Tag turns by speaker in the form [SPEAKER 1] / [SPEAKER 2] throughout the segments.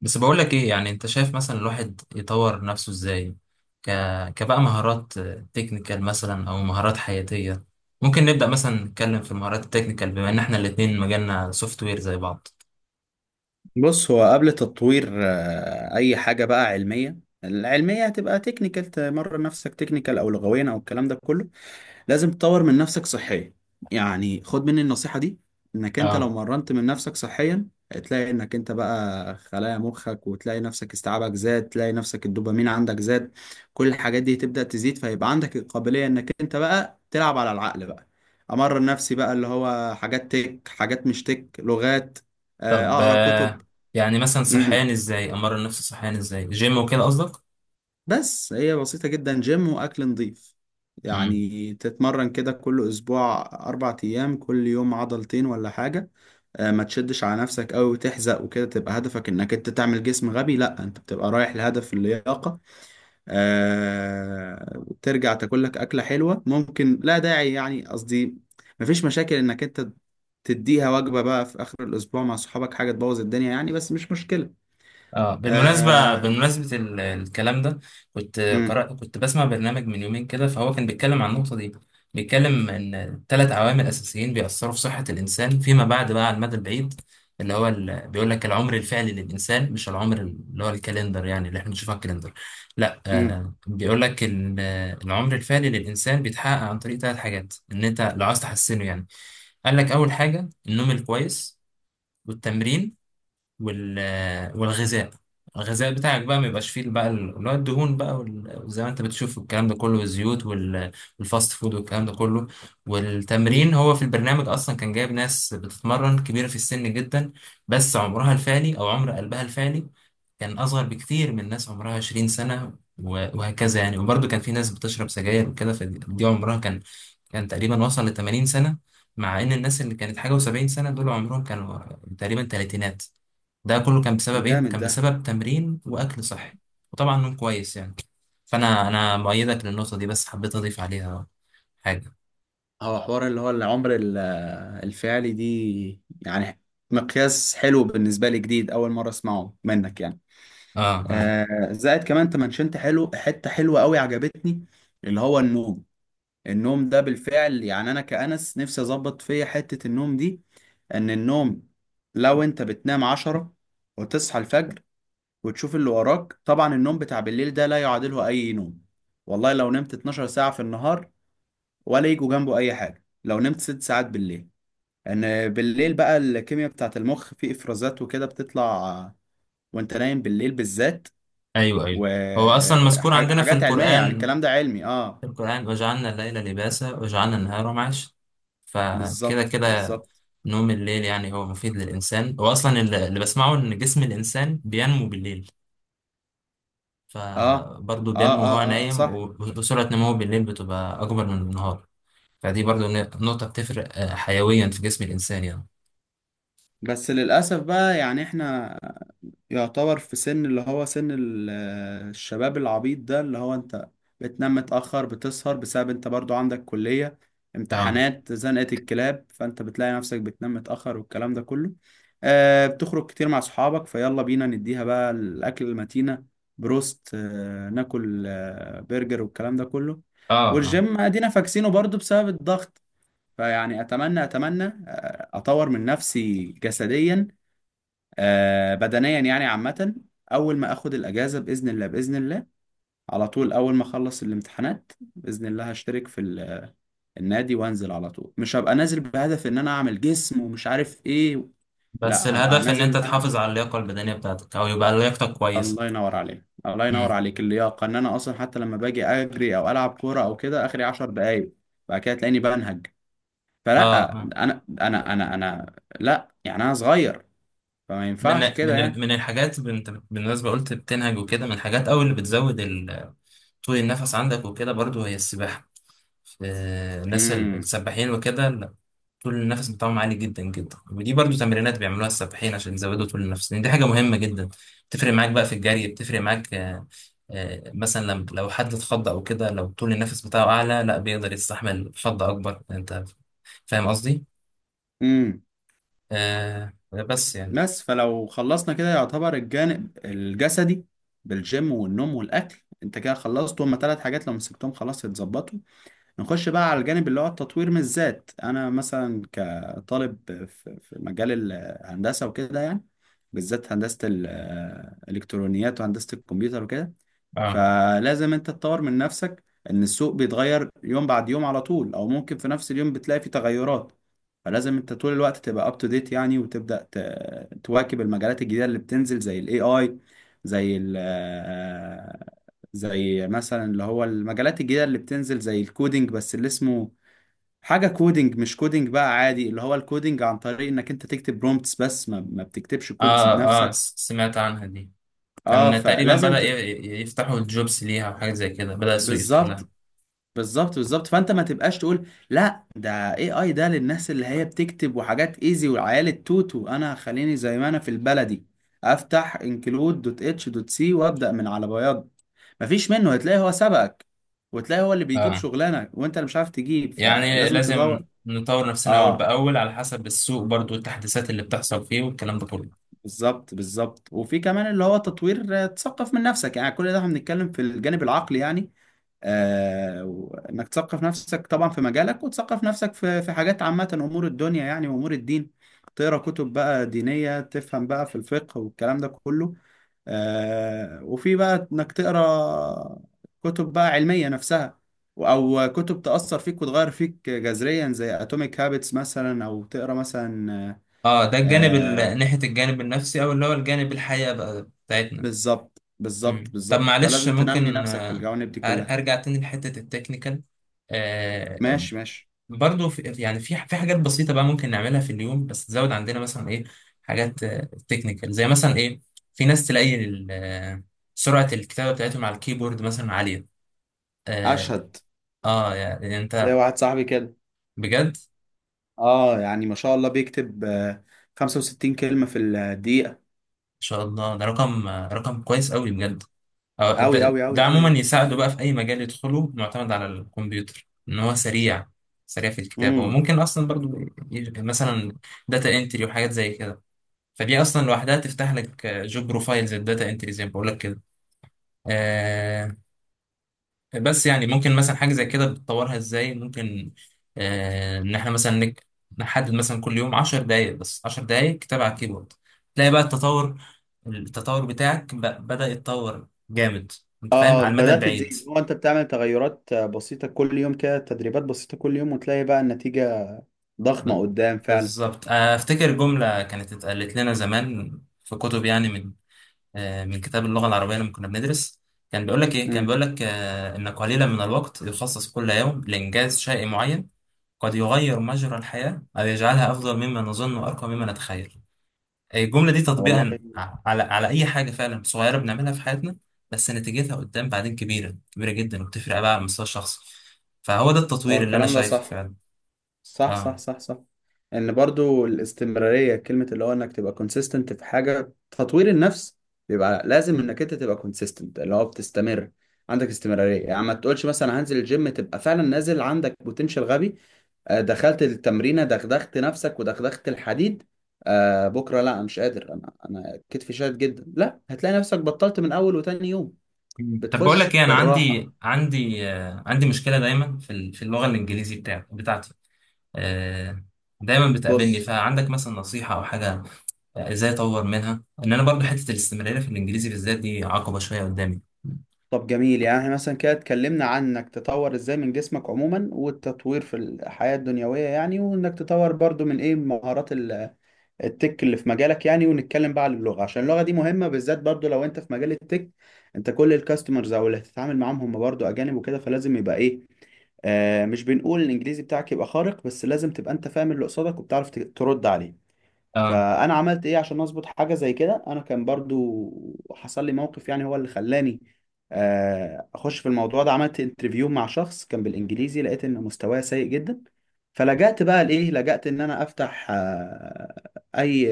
[SPEAKER 1] بس بقول لك ايه؟ يعني انت شايف مثلا الواحد يطور نفسه ازاي؟ ك... كبقى مهارات تكنيكال مثلا او مهارات حياتية. ممكن نبدأ مثلا نتكلم في المهارات التكنيكال، بما ان احنا الاتنين مجالنا سوفت وير زي بعض.
[SPEAKER 2] بص، هو قبل تطوير اي حاجه بقى علميه، العلميه هتبقى تكنيكال. تمرن نفسك تكنيكال او لغويا او الكلام ده كله. لازم تطور من نفسك صحيا. يعني خد مني النصيحه دي، انك انت لو
[SPEAKER 1] اه.
[SPEAKER 2] مرنت من نفسك صحيا هتلاقي انك انت بقى خلايا مخك، وتلاقي نفسك استيعابك زاد، تلاقي نفسك الدوبامين عندك زاد. كل الحاجات دي تبدا تزيد، فيبقى عندك القابليه انك انت بقى تلعب على العقل بقى. امرن نفسي بقى اللي هو حاجات تك، حاجات مش تك، لغات،
[SPEAKER 1] طب
[SPEAKER 2] اقرا كتب.
[SPEAKER 1] يعني مثلا صحيان
[SPEAKER 2] امم
[SPEAKER 1] ازاي، امرن نفسي صحيان ازاي، جيم وكده قصدك؟
[SPEAKER 2] بس هي بسيطة جدا، جيم وأكل نظيف. يعني تتمرن كده كل أسبوع أربع أيام، كل يوم عضلتين ولا حاجة. ما تشدش على نفسك أوي وتحزق وكده تبقى هدفك إنك أنت تعمل جسم غبي، لأ، أنت بتبقى رايح لهدف اللياقة. ترجع تاكلك أكلة حلوة ممكن، لا داعي يعني قصدي، مفيش مشاكل إنك أنت تديها وجبة بقى في آخر الأسبوع مع صحابك، حاجة تبوظ الدنيا يعني، بس مش مشكلة.
[SPEAKER 1] اه، بالمناسبة،
[SPEAKER 2] آه،
[SPEAKER 1] بمناسبة الكلام ده،
[SPEAKER 2] امم
[SPEAKER 1] كنت بسمع برنامج من يومين كده، فهو كان بيتكلم عن النقطة دي. بيتكلم ان ثلاث عوامل اساسيين بيأثروا في صحة الانسان فيما بعد بقى، على المدى البعيد. اللي هو بيقول لك العمر الفعلي للانسان مش العمر اللي هو الكالندر، يعني اللي احنا بنشوفه على الكالندر. لا،
[SPEAKER 2] امم
[SPEAKER 1] بيقول لك العمر الفعلي للانسان بيتحقق عن طريق ثلاث حاجات، ان انت لو عايز تحسنه يعني. قال لك اول حاجة النوم الكويس، والتمرين، وال والغذاء. الغذاء بتاعك بقى ما يبقاش فيه بقى اللي هو الدهون بقى، وزي ما انت بتشوف الكلام ده كله، والزيوت، والفاست فود والكلام ده كله.
[SPEAKER 2] امم.
[SPEAKER 1] والتمرين، هو في البرنامج اصلا كان جايب ناس بتتمرن كبيره في السن جدا، بس عمرها الفعلي، او عمر قلبها الفعلي، كان اصغر بكتير من ناس عمرها 20 سنه، وهكذا يعني. وبرضه كان في ناس بتشرب سجاير وكده، فدي عمرها كان تقريبا وصل ل 80 سنه. مع ان الناس اللي كانت حاجه و70 سنه، دول عمرهم كانوا تقريبا تلاتينات. ده كله كان بسبب ايه؟
[SPEAKER 2] جامد
[SPEAKER 1] كان
[SPEAKER 2] ده.
[SPEAKER 1] بسبب تمرين واكل صحي، وطبعا نوم كويس يعني. فانا مؤيدك للنقطه دي، بس حبيت اضيف عليها حاجه.
[SPEAKER 2] هو حوار اللي هو العمر الفعلي دي، يعني مقياس حلو بالنسبة لي، جديد، أول مرة أسمعه منك يعني.
[SPEAKER 1] اه، اه.
[SPEAKER 2] آه، زائد كمان أنت منشنت حلو، حتة حلوة أوي عجبتني، اللي هو النوم. النوم ده بالفعل، يعني أنا كأنس نفسي أظبط فيا حتة النوم دي. إن النوم، لو أنت بتنام عشرة وتصحى الفجر وتشوف اللي وراك، طبعا النوم بتاع بالليل ده لا يعادله أي نوم. والله لو نمت 12 ساعة في النهار، ولا يجوا جنبه أي حاجة لو نمت ست ساعات بالليل. ان بالليل بقى الكيمياء بتاعت المخ، في افرازات وكده بتطلع وانت نايم بالليل بالذات،
[SPEAKER 1] ايوه، ايوه. هو اصلا مذكور عندنا في
[SPEAKER 2] وحاجات علمية، يعني
[SPEAKER 1] القران.
[SPEAKER 2] الكلام ده علمي. اه،
[SPEAKER 1] في القران: وجعلنا الليل لباسا وجعلنا النهار معاشا. فكده
[SPEAKER 2] بالظبط
[SPEAKER 1] كده،
[SPEAKER 2] بالظبط.
[SPEAKER 1] نوم الليل يعني هو مفيد للانسان. هو اصلا اللي بسمعه ان جسم الانسان بينمو بالليل،
[SPEAKER 2] اه
[SPEAKER 1] فبرضه
[SPEAKER 2] اه
[SPEAKER 1] بينمو
[SPEAKER 2] اه
[SPEAKER 1] وهو
[SPEAKER 2] اه، آه
[SPEAKER 1] نايم،
[SPEAKER 2] صح.
[SPEAKER 1] وسرعه نموه بالليل بتبقى اكبر من النهار. فدي برضو نقطة بتفرق حيويا في جسم الإنسان يعني.
[SPEAKER 2] بس للأسف بقى يعني احنا يعتبر في سن، اللي هو سن الشباب العبيط ده، اللي هو انت بتنام متأخر، بتسهر بسبب انت برضو عندك كلية،
[SPEAKER 1] اه،
[SPEAKER 2] امتحانات، زنقة الكلاب، فانت بتلاقي نفسك بتنام متأخر والكلام ده كله. آه، بتخرج كتير مع صحابك، فيلا بينا نديها بقى الأكل المتينة، بروست، آه، ناكل آه برجر والكلام ده كله.
[SPEAKER 1] اه، اه.
[SPEAKER 2] والجيم ادينا فاكسينه برضو بسبب الضغط. فيعني اتمنى اتمنى اطور من نفسي جسديا، آه، بدنيا يعني عامة. أول ما أخد الأجازة بإذن الله، بإذن الله على طول أول ما أخلص الامتحانات بإذن الله هشترك في النادي، وأنزل على طول، مش هبقى نازل بهدف إن أنا أعمل جسم ومش عارف إيه.
[SPEAKER 1] بس
[SPEAKER 2] لا، هبقى
[SPEAKER 1] الهدف إن
[SPEAKER 2] نازل
[SPEAKER 1] أنت
[SPEAKER 2] إن أنا،
[SPEAKER 1] تحافظ على اللياقة البدنية بتاعتك، أو يبقى لياقتك كويسة.
[SPEAKER 2] الله ينور عليك الله ينور
[SPEAKER 1] امم.
[SPEAKER 2] عليك، اللياقة. إن أنا أصلا حتى لما باجي أجري أو ألعب كورة أو كده، آخري 10 دقايق بعد كده تلاقيني بنهج.
[SPEAKER 1] اه،
[SPEAKER 2] فلا،
[SPEAKER 1] اه.
[SPEAKER 2] أنا أنا لا، يعني أنا صغير، فما
[SPEAKER 1] من
[SPEAKER 2] ينفعش كده
[SPEAKER 1] من
[SPEAKER 2] يعني.
[SPEAKER 1] من الحاجات، انت بالنسبة قلت بتنهج وكده، من الحاجات أو اللي بتزود طول النفس عندك وكده، برضو هي السباحة. الناس السباحين وكده طول النفس بتاعهم عالي جدا جدا، ودي برضو تمرينات بيعملوها السباحين عشان يزودوا طول النفس، لان دي حاجه مهمه جدا. بتفرق معاك بقى في الجري، بتفرق معاك مثلا لما لو حد اتخض او كده، لو طول النفس بتاعه اعلى، لا، بيقدر يستحمل خض اكبر. انت فاهم قصدي؟
[SPEAKER 2] امم.
[SPEAKER 1] بس يعني.
[SPEAKER 2] بس فلو خلصنا كده يعتبر الجانب الجسدي بالجيم والنوم والاكل، انت كده خلصت. هما ثلاث حاجات لو مسكتهم خلاص يتظبطوا. نخش بقى على الجانب اللي هو التطوير من الذات. انا مثلا كطالب في مجال الهندسه وكده، يعني بالذات هندسه الالكترونيات وهندسه الكمبيوتر وكده،
[SPEAKER 1] اه،
[SPEAKER 2] فلازم انت تطور من نفسك. ان السوق بيتغير يوم بعد يوم على طول، او ممكن في نفس اليوم بتلاقي فيه تغيرات. فلازم انت طول الوقت تبقى اب تو ديت يعني، وتبدا تواكب المجالات الجديده اللي بتنزل زي الاي اي، زي ال آه، زي مثلا اللي هو المجالات الجديده اللي بتنزل زي الكودينج. بس اللي اسمه حاجه كودينج مش كودينج بقى عادي، اللي هو الكودينج عن طريق انك انت تكتب برومبتس بس، ما بتكتبش كودز
[SPEAKER 1] اه، اه.
[SPEAKER 2] بنفسك.
[SPEAKER 1] سمعت عنها دي.
[SPEAKER 2] اه،
[SPEAKER 1] كان تقريبا بدأ يفتحوا الجوبس ليها، وحاجه زي كده بدأ السوق يفتح لها.
[SPEAKER 2] بالظبط بالظبط بالظبط. فانت ما تبقاش تقول لا، ده اي اي ده للناس اللي هي بتكتب وحاجات ايزي والعيال التوتو، انا خليني زي ما انا في البلدي، افتح انكلود دوت اتش دوت سي وابدا من على بياض. مفيش منه، هتلاقي هو سبقك وتلاقي هو اللي بيجيب
[SPEAKER 1] اه.
[SPEAKER 2] شغلانه وانت اللي مش عارف تجيب،
[SPEAKER 1] يعني
[SPEAKER 2] فلازم تطور.
[SPEAKER 1] لازم نطور نفسنا أول
[SPEAKER 2] اه،
[SPEAKER 1] بأول على حسب السوق، برضو التحديثات اللي بتحصل فيه والكلام ده كله.
[SPEAKER 2] بالظبط بالظبط. وفي كمان اللي هو تطوير، تثقف من نفسك. يعني كل ده احنا بنتكلم في الجانب العقلي يعني. آه، انك تثقف نفسك طبعا في مجالك، وتثقف نفسك في حاجات عامة، امور الدنيا يعني وامور الدين، تقرا كتب بقى دينية تفهم بقى في الفقه والكلام ده كله. آه، وفي بقى انك تقرا كتب بقى علمية نفسها، او كتب تأثر فيك وتغير فيك جذريا زي اتوميك هابتس مثلا، او تقرا مثلا،
[SPEAKER 1] اه، ده الجانب
[SPEAKER 2] آه،
[SPEAKER 1] ناحية الجانب النفسي، أو اللي هو الجانب الحياة بقى بتاعتنا.
[SPEAKER 2] بالظبط بالظبط
[SPEAKER 1] مم. طب
[SPEAKER 2] بالظبط.
[SPEAKER 1] معلش،
[SPEAKER 2] فلازم تنمي
[SPEAKER 1] ممكن
[SPEAKER 2] نفسك في الجوانب دي كلها.
[SPEAKER 1] أرجع تاني لحتة التكنيكال؟ آه
[SPEAKER 2] ماشي، ماشي.
[SPEAKER 1] برضو في، يعني، في حاجات بسيطة بقى ممكن نعملها في اليوم، بس تزود عندنا مثلا إيه؟ حاجات تكنيكال زي مثلا إيه؟ في ناس تلاقي سرعة الكتابة بتاعتهم على الكيبورد مثلا عالية. اه،
[SPEAKER 2] اشهد،
[SPEAKER 1] يعني
[SPEAKER 2] زي
[SPEAKER 1] انت
[SPEAKER 2] واحد صاحبي كده.
[SPEAKER 1] بجد؟
[SPEAKER 2] اه يعني ما شاء الله بيكتب 65 كلمة في الدقيقة.
[SPEAKER 1] شاء الله، ده رقم كويس قوي بجد.
[SPEAKER 2] أوي
[SPEAKER 1] ده,
[SPEAKER 2] أوي
[SPEAKER 1] ده
[SPEAKER 2] أوي أوي
[SPEAKER 1] عموما
[SPEAKER 2] يعني.
[SPEAKER 1] يساعده بقى في اي مجال يدخله معتمد على الكمبيوتر، ان هو سريع. سريع في الكتابه،
[SPEAKER 2] امم
[SPEAKER 1] وممكن اصلا برضو مثلا داتا انتري وحاجات زي كده. فدي اصلا لوحدها تفتح لك جوب بروفايل زي الداتا انتري، زي ما بقول لك كده. آه بس يعني ممكن مثلا حاجه زي كده بتطورها ازاي؟ ممكن ان احنا مثلا نحدد مثلا كل يوم 10 دقائق، بس 10 دقائق كتابه على الكيبورد، تلاقي بقى التطور بتاعك بدأ يتطور جامد، انت فاهم،
[SPEAKER 2] اه،
[SPEAKER 1] على المدى
[SPEAKER 2] بدأت
[SPEAKER 1] البعيد.
[SPEAKER 2] تزيد. هو انت بتعمل تغيرات بسيطة كل يوم كده، تدريبات بسيطة كل يوم، وتلاقي بقى النتيجة
[SPEAKER 1] ب-
[SPEAKER 2] ضخمة قدام فعلا.
[SPEAKER 1] بالظبط. افتكر جملة كانت اتقالت لنا زمان في كتب يعني، من كتاب اللغة العربية لما كنا بندرس. كان بيقول لك ايه؟ كان
[SPEAKER 2] امم
[SPEAKER 1] بيقول لك ان قليلا من الوقت يخصص كل يوم لإنجاز شيء معين، قد يغير مجرى الحياة أو يجعلها أفضل مما نظن وأرقى مما نتخيل. الجملة دي
[SPEAKER 2] والله.
[SPEAKER 1] تطبيقا على أي حاجة فعلا صغيرة بنعملها في حياتنا، بس نتيجتها قدام بعدين كبيرة كبيرة جدا، وبتفرق بقى على المستوى الشخصي. فهو ده
[SPEAKER 2] هو
[SPEAKER 1] التطوير اللي أنا
[SPEAKER 2] الكلام ده
[SPEAKER 1] شايفه
[SPEAKER 2] صح،
[SPEAKER 1] فعلا.
[SPEAKER 2] صح صح
[SPEAKER 1] اه.
[SPEAKER 2] صح صح. ان برضو الاستمرارية كلمة، اللي هو انك تبقى consistent في حاجة تطوير النفس، بيبقى لازم انك انت تبقى consistent، اللي هو بتستمر، عندك استمرارية. يعني ما تقولش مثلا هنزل الجيم، تبقى فعلا نازل عندك بوتنشال غبي، دخلت التمرينة، دغدغت نفسك ودغدغت الحديد، بكرة لا، انا مش قادر، انا كتفي شاد جدا، لا، هتلاقي نفسك بطلت من اول وتاني يوم.
[SPEAKER 1] مم. طب بقول لك
[SPEAKER 2] بتخش
[SPEAKER 1] إيه، أنا
[SPEAKER 2] بالراحة.
[SPEAKER 1] عندي مشكلة دايما في اللغة الإنجليزي بتاعتي، آه دايما بتقابلني.
[SPEAKER 2] بص،
[SPEAKER 1] فعندك مثلا نصيحة أو حاجة إزاي أطور منها؟ إن أنا برضو حتة الاستمرارية في الإنجليزي بالذات دي عقبة شوية قدامي.
[SPEAKER 2] طب جميل. يعني احنا مثلا كده اتكلمنا عن انك تطور ازاي من جسمك عموما، والتطوير في الحياة الدنيوية يعني، وانك تطور برضو من ايه، مهارات التك اللي في مجالك يعني. ونتكلم بقى عن اللغة، عشان اللغة دي مهمة بالذات برضو لو انت في مجال التك. انت كل الكاستمرز او اللي هتتعامل معاهم هم برضو اجانب وكده، فلازم يبقى ايه، آه، مش بنقول الانجليزي بتاعك يبقى خارق، بس لازم تبقى انت فاهم اللي قصادك وبتعرف ترد عليه.
[SPEAKER 1] اه،
[SPEAKER 2] فانا عملت ايه عشان اظبط حاجه زي كده؟ انا كان برضو حصل لي موقف، يعني هو اللي خلاني اخش في الموضوع ده. عملت انترفيو مع شخص كان بالانجليزي، لقيت ان مستواه سيء جدا. فلجأت بقى لايه، لجأت ان انا افتح، اي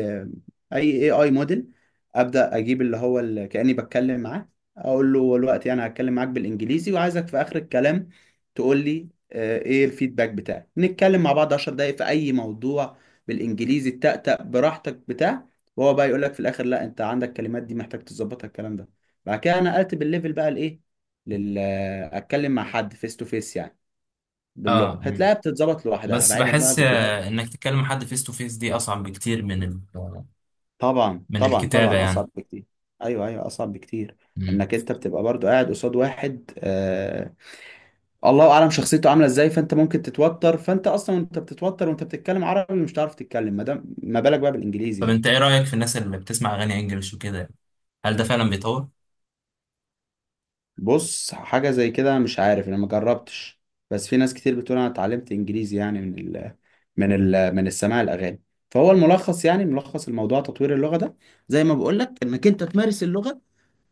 [SPEAKER 2] اي موديل، ابدا اجيب اللي هو اللي كاني بتكلم معاه، اقول له دلوقتي انا هتكلم معاك بالانجليزي، وعايزك في اخر الكلام تقول لي ايه الفيدباك بتاعك. نتكلم مع بعض 10 دقايق في اي موضوع بالانجليزي، التأتأ براحتك بتاع، وهو بقى يقول لك في الاخر لا انت عندك كلمات دي محتاج تظبطها الكلام ده. بعد كده نقلت بالليفل بقى لايه، لل اتكلم مع حد فيس تو فيس يعني، باللغه،
[SPEAKER 1] اه.
[SPEAKER 2] هتلاقيها بتتظبط لوحدها
[SPEAKER 1] بس
[SPEAKER 2] بعيدا بقى
[SPEAKER 1] بحس
[SPEAKER 2] فيديوهات.
[SPEAKER 1] انك تكلم حد فيس تو فيس دي اصعب بكتير
[SPEAKER 2] طبعا
[SPEAKER 1] من
[SPEAKER 2] طبعا
[SPEAKER 1] الكتابة
[SPEAKER 2] طبعا،
[SPEAKER 1] يعني.
[SPEAKER 2] اصعب بكتير. ايوه ايوه، اصعب بكتير.
[SPEAKER 1] مم.
[SPEAKER 2] انك انت بتبقى برضو قاعد قصاد واحد، الله اعلم شخصيته عامله ازاي، فانت ممكن تتوتر. فانت اصلا وانت بتتوتر وانت بتتكلم عربي مش هتعرف تتكلم، ما دام، ما بالك بقى بالانجليزي
[SPEAKER 1] طب
[SPEAKER 2] يعني.
[SPEAKER 1] انت ايه رأيك في الناس اللي بتسمع اغاني انجلش وكده؟ هل ده فعلا بيطور؟
[SPEAKER 2] بص، حاجة زي كده مش عارف انا، ما جربتش، بس في ناس كتير بتقول انا اتعلمت انجليزي يعني من ال من ال من السماع الاغاني. فهو الملخص، يعني ملخص الموضوع تطوير اللغة ده، زي ما بقول لك انك انت تمارس اللغة،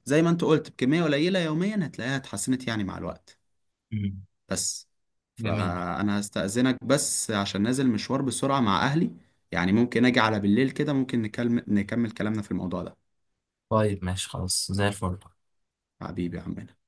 [SPEAKER 2] زي ما انت قلت بكمية قليلة يوميا، هتلاقيها اتحسنت يعني مع الوقت.
[SPEAKER 1] مم.
[SPEAKER 2] بس،
[SPEAKER 1] جميل.
[SPEAKER 2] فانا هستأذنك بس عشان نازل مشوار بسرعة مع اهلي. يعني ممكن اجي على بالليل كده، ممكن نكمل كلامنا في الموضوع ده.
[SPEAKER 1] طيب، ماشي، خلاص زي الفل.
[SPEAKER 2] حبيبي يا عمنا.